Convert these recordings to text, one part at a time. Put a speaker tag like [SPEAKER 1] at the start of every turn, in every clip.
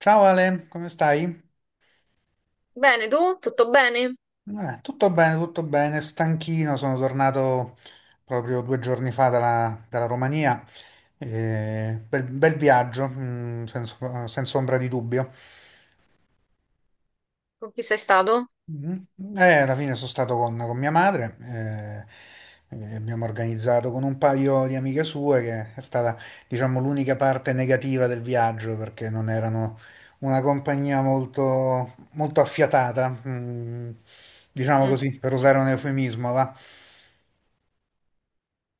[SPEAKER 1] Ciao Ale, come stai?
[SPEAKER 2] Bene, tu? Tutto bene?
[SPEAKER 1] Tutto bene, tutto bene, stanchino, sono tornato proprio due giorni fa dalla Romania. Bel viaggio, senza ombra di dubbio.
[SPEAKER 2] Con chi sei stato?
[SPEAKER 1] Mhm. Alla fine sono stato con mia madre, e abbiamo organizzato con un paio di amiche sue, che è stata, diciamo, l'unica parte negativa del viaggio, perché non erano una compagnia molto, molto affiatata, diciamo
[SPEAKER 2] Mm.
[SPEAKER 1] così, per usare un eufemismo, va?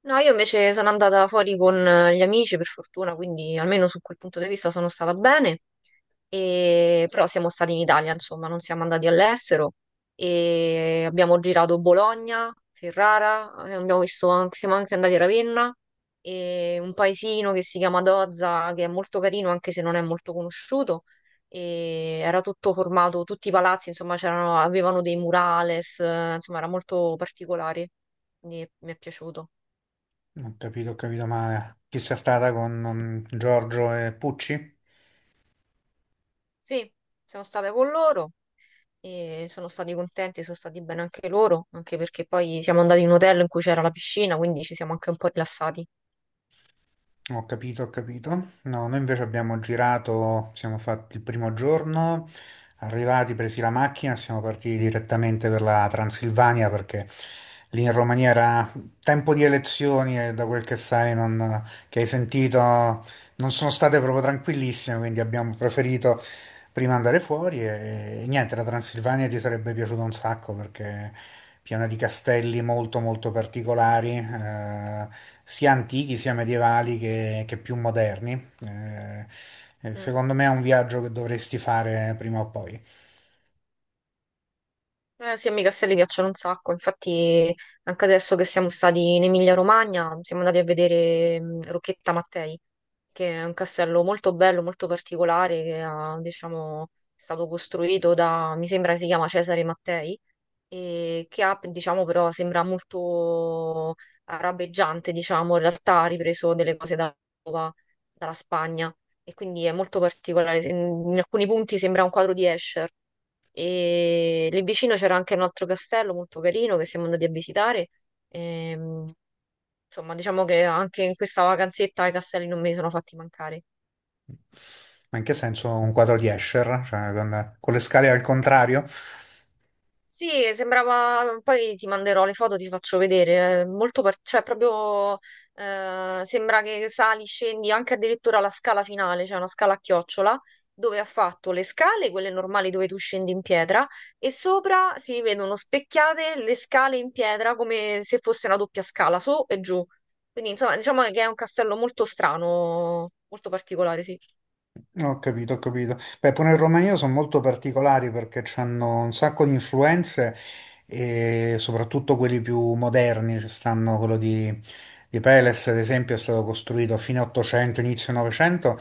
[SPEAKER 2] No, io invece sono andata fuori con gli amici, per fortuna, quindi almeno su quel punto di vista sono stata bene. Però siamo stati in Italia, insomma, non siamo andati all'estero e abbiamo girato Bologna, Ferrara, siamo anche andati a Ravenna e un paesino che si chiama Dozza, che è molto carino anche se non è molto conosciuto. E era tutto formato, tutti i palazzi, insomma, c'erano, avevano dei murales, insomma, era molto particolare. Quindi mi è piaciuto.
[SPEAKER 1] Ho capito male. Chi sia stata con Giorgio e Pucci?
[SPEAKER 2] Sì, siamo state con loro. E sono stati contenti, sono stati bene anche loro, anche perché poi siamo andati in un hotel in cui c'era la piscina, quindi ci siamo anche un po' rilassati.
[SPEAKER 1] Ho capito, ho capito. No, noi invece abbiamo girato, siamo fatti il primo giorno, arrivati, presi la macchina, siamo partiti direttamente per la Transilvania perché lì in Romania era tempo di elezioni e da quel che sai, che hai sentito, non sono state proprio tranquillissime, quindi abbiamo preferito prima andare fuori e niente, la Transilvania ti sarebbe piaciuta un sacco perché è piena di castelli molto molto particolari, sia antichi sia medievali che più moderni. Eh,
[SPEAKER 2] Mm.
[SPEAKER 1] Secondo me è un viaggio che dovresti fare prima o poi.
[SPEAKER 2] Sì, a me i castelli piacciono un sacco, infatti anche adesso che siamo stati in Emilia-Romagna siamo andati a vedere Rocchetta Mattei, che è un castello molto bello, molto particolare, che ha, diciamo, è stato costruito da, mi sembra si chiama Cesare Mattei, e che ha, diciamo, però sembra molto arabeggiante, diciamo, in realtà ha ripreso delle cose dalla Spagna e quindi è molto particolare. In alcuni punti sembra un quadro di Escher e lì vicino c'era anche un altro castello molto carino che siamo andati a visitare. Ehm, insomma, diciamo che anche in questa vacanzetta i castelli non me li sono fatti mancare.
[SPEAKER 1] Ma in che senso un quadro di Escher? Cioè con le scale al contrario?
[SPEAKER 2] Sì, sembrava, poi ti manderò le foto, ti faccio vedere, è molto cioè proprio, sembra che sali, scendi anche addirittura la scala finale, cioè una scala a chiocciola, dove ha fatto le scale, quelle normali dove tu scendi in pietra, e sopra si vedono specchiate le scale in pietra come se fosse una doppia scala, su e giù. Quindi insomma diciamo che è un castello molto strano, molto particolare, sì.
[SPEAKER 1] Ho capito, ho capito. Beh, pure in Romania sono molto particolari perché hanno un sacco di influenze e soprattutto quelli più moderni, ci stanno quello di Peles, ad esempio, è stato costruito a fine 800, inizio 900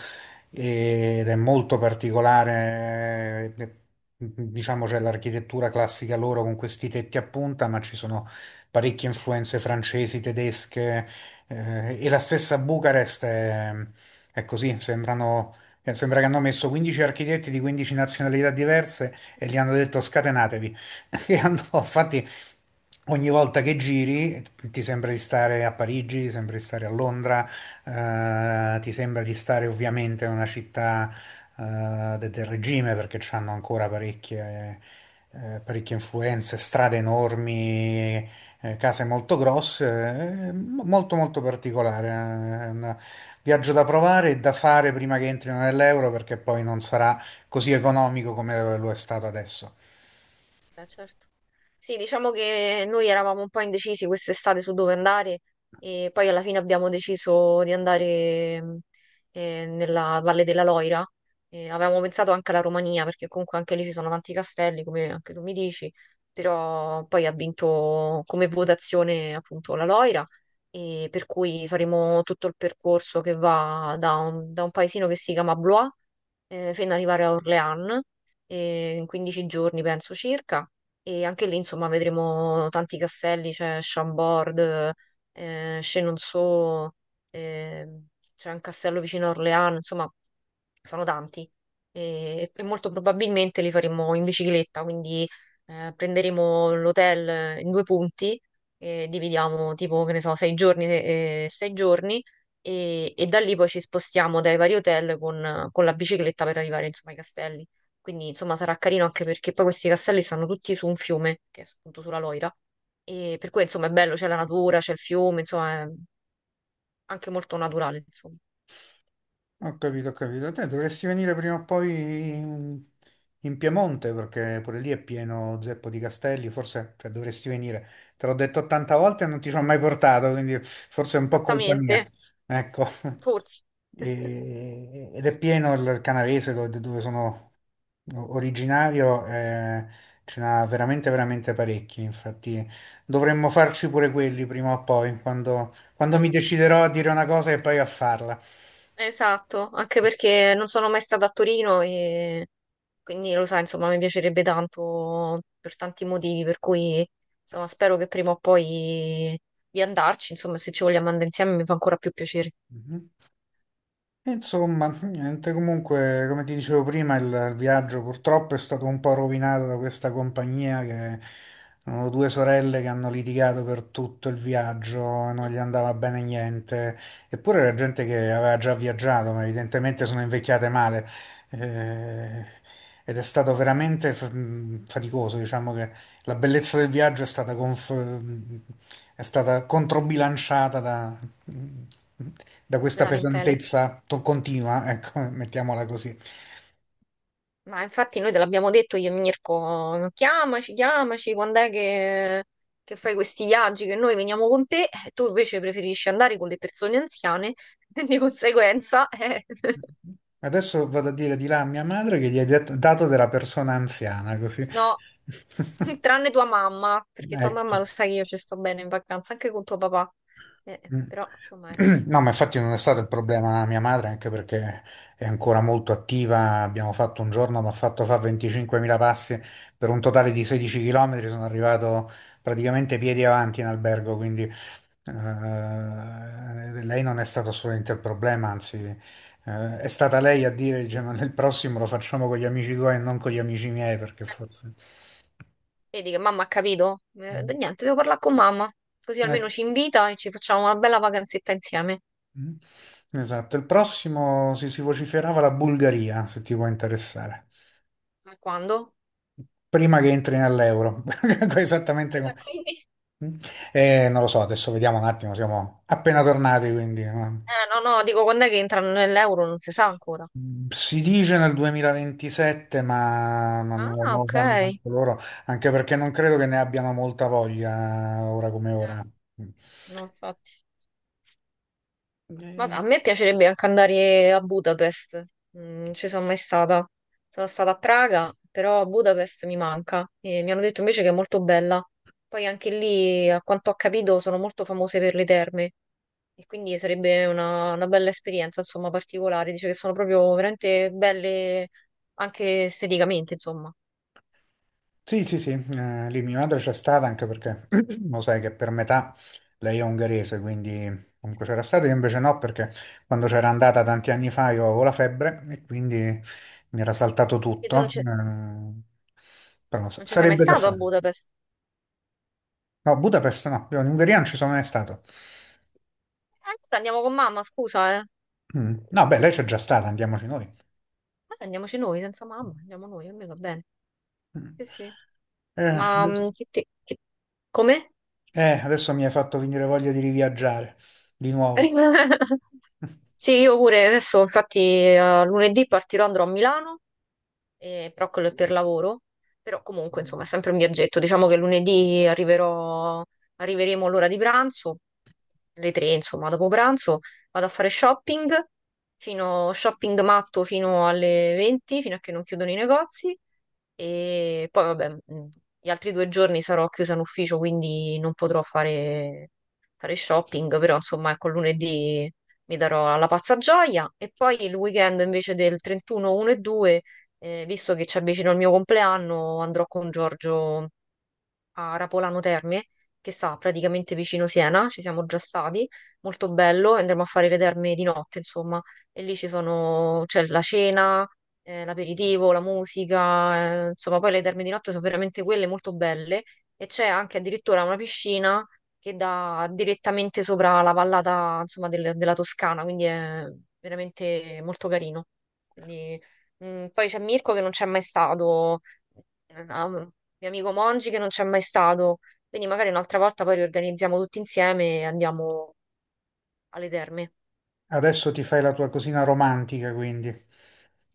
[SPEAKER 1] ed è molto particolare, diciamo c'è l'architettura classica loro con questi tetti a punta, ma ci sono parecchie influenze francesi, tedesche, e la stessa Bucarest è così, sembrano, sembra che hanno messo 15 architetti di 15 nazionalità diverse e gli hanno detto scatenatevi. Infatti, ogni volta che giri ti sembra di stare a Parigi, ti sembra di stare a Londra, ti sembra di stare ovviamente in una città, del regime perché hanno ancora parecchie, parecchie influenze, strade enormi, case molto grosse, molto molto particolare. È un viaggio da provare e da fare prima che entrino nell'euro perché poi non sarà così economico come lo è stato adesso.
[SPEAKER 2] Certo. Sì, diciamo che noi eravamo un po' indecisi quest'estate su dove andare e poi alla fine abbiamo deciso di andare nella Valle della Loira. Avevamo pensato anche alla Romania perché comunque anche lì ci sono tanti castelli, come anche tu mi dici, però poi ha vinto come votazione appunto la Loira e per cui faremo tutto il percorso che va da un paesino che si chiama Blois fino ad arrivare a Orléans, in 15 giorni penso circa, e anche lì insomma vedremo tanti castelli, c'è Chambord, Chenonceau, eh, c'è un castello vicino a Orléans, insomma sono tanti e molto probabilmente li faremo in bicicletta, quindi prenderemo l'hotel in due punti e dividiamo tipo, che ne so, 6 giorni, 6 giorni e da lì poi ci spostiamo dai vari hotel con la bicicletta per arrivare insomma ai castelli. Quindi insomma sarà carino anche perché poi questi castelli stanno tutti su un fiume, che è appunto sulla Loira, e per cui insomma è bello, c'è la natura, c'è il fiume, insomma è anche molto naturale, insomma.
[SPEAKER 1] Ho capito, ho capito. Te dovresti venire prima o poi in, in Piemonte perché pure lì è pieno zeppo di castelli, forse cioè, dovresti venire. Te l'ho detto 80 volte e non ti ci ho mai portato, quindi forse è un po' colpa mia.
[SPEAKER 2] Esattamente,
[SPEAKER 1] Ecco.
[SPEAKER 2] forse.
[SPEAKER 1] Ed è pieno il Canavese dove sono originario, ce n'ha veramente veramente parecchi, infatti dovremmo farci pure quelli prima o poi, quando mi deciderò a dire una cosa e poi a farla.
[SPEAKER 2] Esatto, anche perché non sono mai stata a Torino e quindi lo sai, insomma, mi piacerebbe tanto per tanti motivi, per cui insomma, spero che prima o poi di andarci, insomma, se ci vogliamo andare insieme mi fa ancora più piacere.
[SPEAKER 1] Mhm. Insomma, niente, comunque, come ti dicevo prima, il viaggio purtroppo è stato un po' rovinato da questa compagnia che erano due sorelle che hanno litigato per tutto il viaggio, non
[SPEAKER 2] Mm.
[SPEAKER 1] gli andava bene niente, eppure era gente che aveva già viaggiato, ma evidentemente sono invecchiate male. Eh, Ed è stato veramente faticoso, diciamo che la bellezza del viaggio è stata, è stata controbilanciata da, da questa
[SPEAKER 2] Lamentele.
[SPEAKER 1] pesantezza continua, ecco, mettiamola così.
[SPEAKER 2] Ma infatti noi te l'abbiamo detto io e Mirko, chiamaci, chiamaci, quando è che fai questi viaggi, che noi veniamo con te, e tu invece preferisci andare con le persone anziane, di conseguenza,
[SPEAKER 1] Adesso vado a dire di là a mia madre che gli hai dato della persona anziana, così.
[SPEAKER 2] no. Tranne tua mamma, perché tua
[SPEAKER 1] Ecco.
[SPEAKER 2] mamma lo sa che io ci sto bene in vacanza, anche con tuo papà.
[SPEAKER 1] Mm.
[SPEAKER 2] Però, insomma, ecco.
[SPEAKER 1] No, ma infatti non è stato il problema mia madre, anche perché è ancora molto attiva. Abbiamo fatto un giorno, mi ha fatto fare 25.000 passi per un totale di 16 km. Sono arrivato praticamente piedi avanti in albergo, quindi lei non è stato assolutamente il problema, anzi è stata lei a dire, dice, ma nel prossimo lo facciamo con gli amici tuoi e non con gli amici miei, perché forse...
[SPEAKER 2] Vedi che mamma ha capito?
[SPEAKER 1] Mm.
[SPEAKER 2] Niente, devo parlare con mamma, così almeno
[SPEAKER 1] Ecco.
[SPEAKER 2] ci invita e ci facciamo una bella vacanzetta insieme.
[SPEAKER 1] Mm. Esatto, il prossimo si vociferava la Bulgaria, se ti può interessare,
[SPEAKER 2] Ma quando?
[SPEAKER 1] prima che entri nell'euro. Esattamente come...
[SPEAKER 2] Quindi?
[SPEAKER 1] Mm. Non lo so, adesso vediamo un attimo, siamo appena tornati, quindi... no?
[SPEAKER 2] No, no, dico quando è che entrano nell'euro, non si sa ancora.
[SPEAKER 1] Si dice nel 2027, ma non
[SPEAKER 2] Ah,
[SPEAKER 1] lo
[SPEAKER 2] ok.
[SPEAKER 1] sanno neanche loro, anche perché non credo che ne abbiano molta voglia ora come ora. Mm.
[SPEAKER 2] No, infatti. Ma
[SPEAKER 1] Eh,
[SPEAKER 2] a me piacerebbe anche andare a Budapest. Non ci sono mai stata. Sono stata a Praga, però Budapest mi manca e mi hanno detto invece che è molto bella. Poi anche lì, a quanto ho capito, sono molto famose per le terme e quindi sarebbe una bella esperienza, insomma, particolare. Dice che sono proprio veramente belle anche esteticamente, insomma.
[SPEAKER 1] sì, sì, sì, lì mia madre c'è stata anche perché lo sai che per metà lei è ungherese, quindi comunque c'era stata, io invece no perché quando c'era andata tanti anni fa io avevo la febbre e quindi mi era saltato
[SPEAKER 2] E tu
[SPEAKER 1] tutto.
[SPEAKER 2] non ci,
[SPEAKER 1] Però
[SPEAKER 2] non ci sei mai
[SPEAKER 1] sarebbe da
[SPEAKER 2] stato a
[SPEAKER 1] fare.
[SPEAKER 2] Budapest?
[SPEAKER 1] No, Budapest no, io in Ungheria non ci sono mai stato.
[SPEAKER 2] Allora andiamo con mamma, scusa, eh.
[SPEAKER 1] Mm. No, beh, lei c'è già stata, andiamoci noi.
[SPEAKER 2] Andiamoci noi, senza mamma, andiamo noi, a me va bene.
[SPEAKER 1] Mm.
[SPEAKER 2] Sì, sì.
[SPEAKER 1] Eh,
[SPEAKER 2] Ma
[SPEAKER 1] adesso
[SPEAKER 2] come?
[SPEAKER 1] Adesso mi hai fatto venire voglia di riviaggiare di nuovo.
[SPEAKER 2] Sì, io pure adesso, infatti, lunedì partirò, andrò a Milano, però quello è per lavoro, però comunque, insomma, è sempre un viaggetto. Diciamo che lunedì arriverò, arriveremo all'ora di pranzo, le 3, insomma, dopo pranzo, vado a fare shopping, shopping matto fino alle 20, fino a che non chiudono i negozi. E poi, vabbè, gli altri 2 giorni sarò chiusa in ufficio, quindi non potrò fare shopping, però insomma, ecco, lunedì mi darò alla pazza gioia. E poi il weekend invece del 31, 1 e 2, visto che ci avvicina il mio compleanno, andrò con Giorgio a Rapolano Terme, che sta praticamente vicino Siena, ci siamo già stati, molto bello, e andremo a fare le terme di notte, insomma, e lì ci sono, c'è la cena, l'aperitivo, la musica, insomma, poi le terme di notte sono veramente quelle molto belle e c'è anche addirittura una piscina che dà direttamente sopra la vallata, insomma, della Toscana, quindi è veramente molto carino. Quindi, poi c'è Mirko che non c'è mai stato, mio amico Mongi che non c'è mai stato. Quindi magari un'altra volta poi riorganizziamo tutti insieme e andiamo alle terme.
[SPEAKER 1] Adesso ti fai la tua cosina romantica, quindi.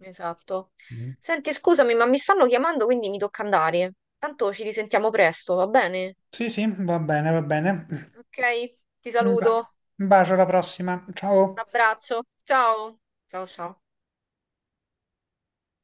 [SPEAKER 2] Esatto.
[SPEAKER 1] Mm.
[SPEAKER 2] Senti, scusami, ma mi stanno chiamando, quindi mi tocca andare. Tanto ci risentiamo presto, va bene?
[SPEAKER 1] Sì, sì, va bene, va bene.
[SPEAKER 2] Ok, ti
[SPEAKER 1] Un ba-
[SPEAKER 2] saluto.
[SPEAKER 1] un bacio alla prossima.
[SPEAKER 2] Un
[SPEAKER 1] Ciao.
[SPEAKER 2] abbraccio. Ciao. Ciao, ciao.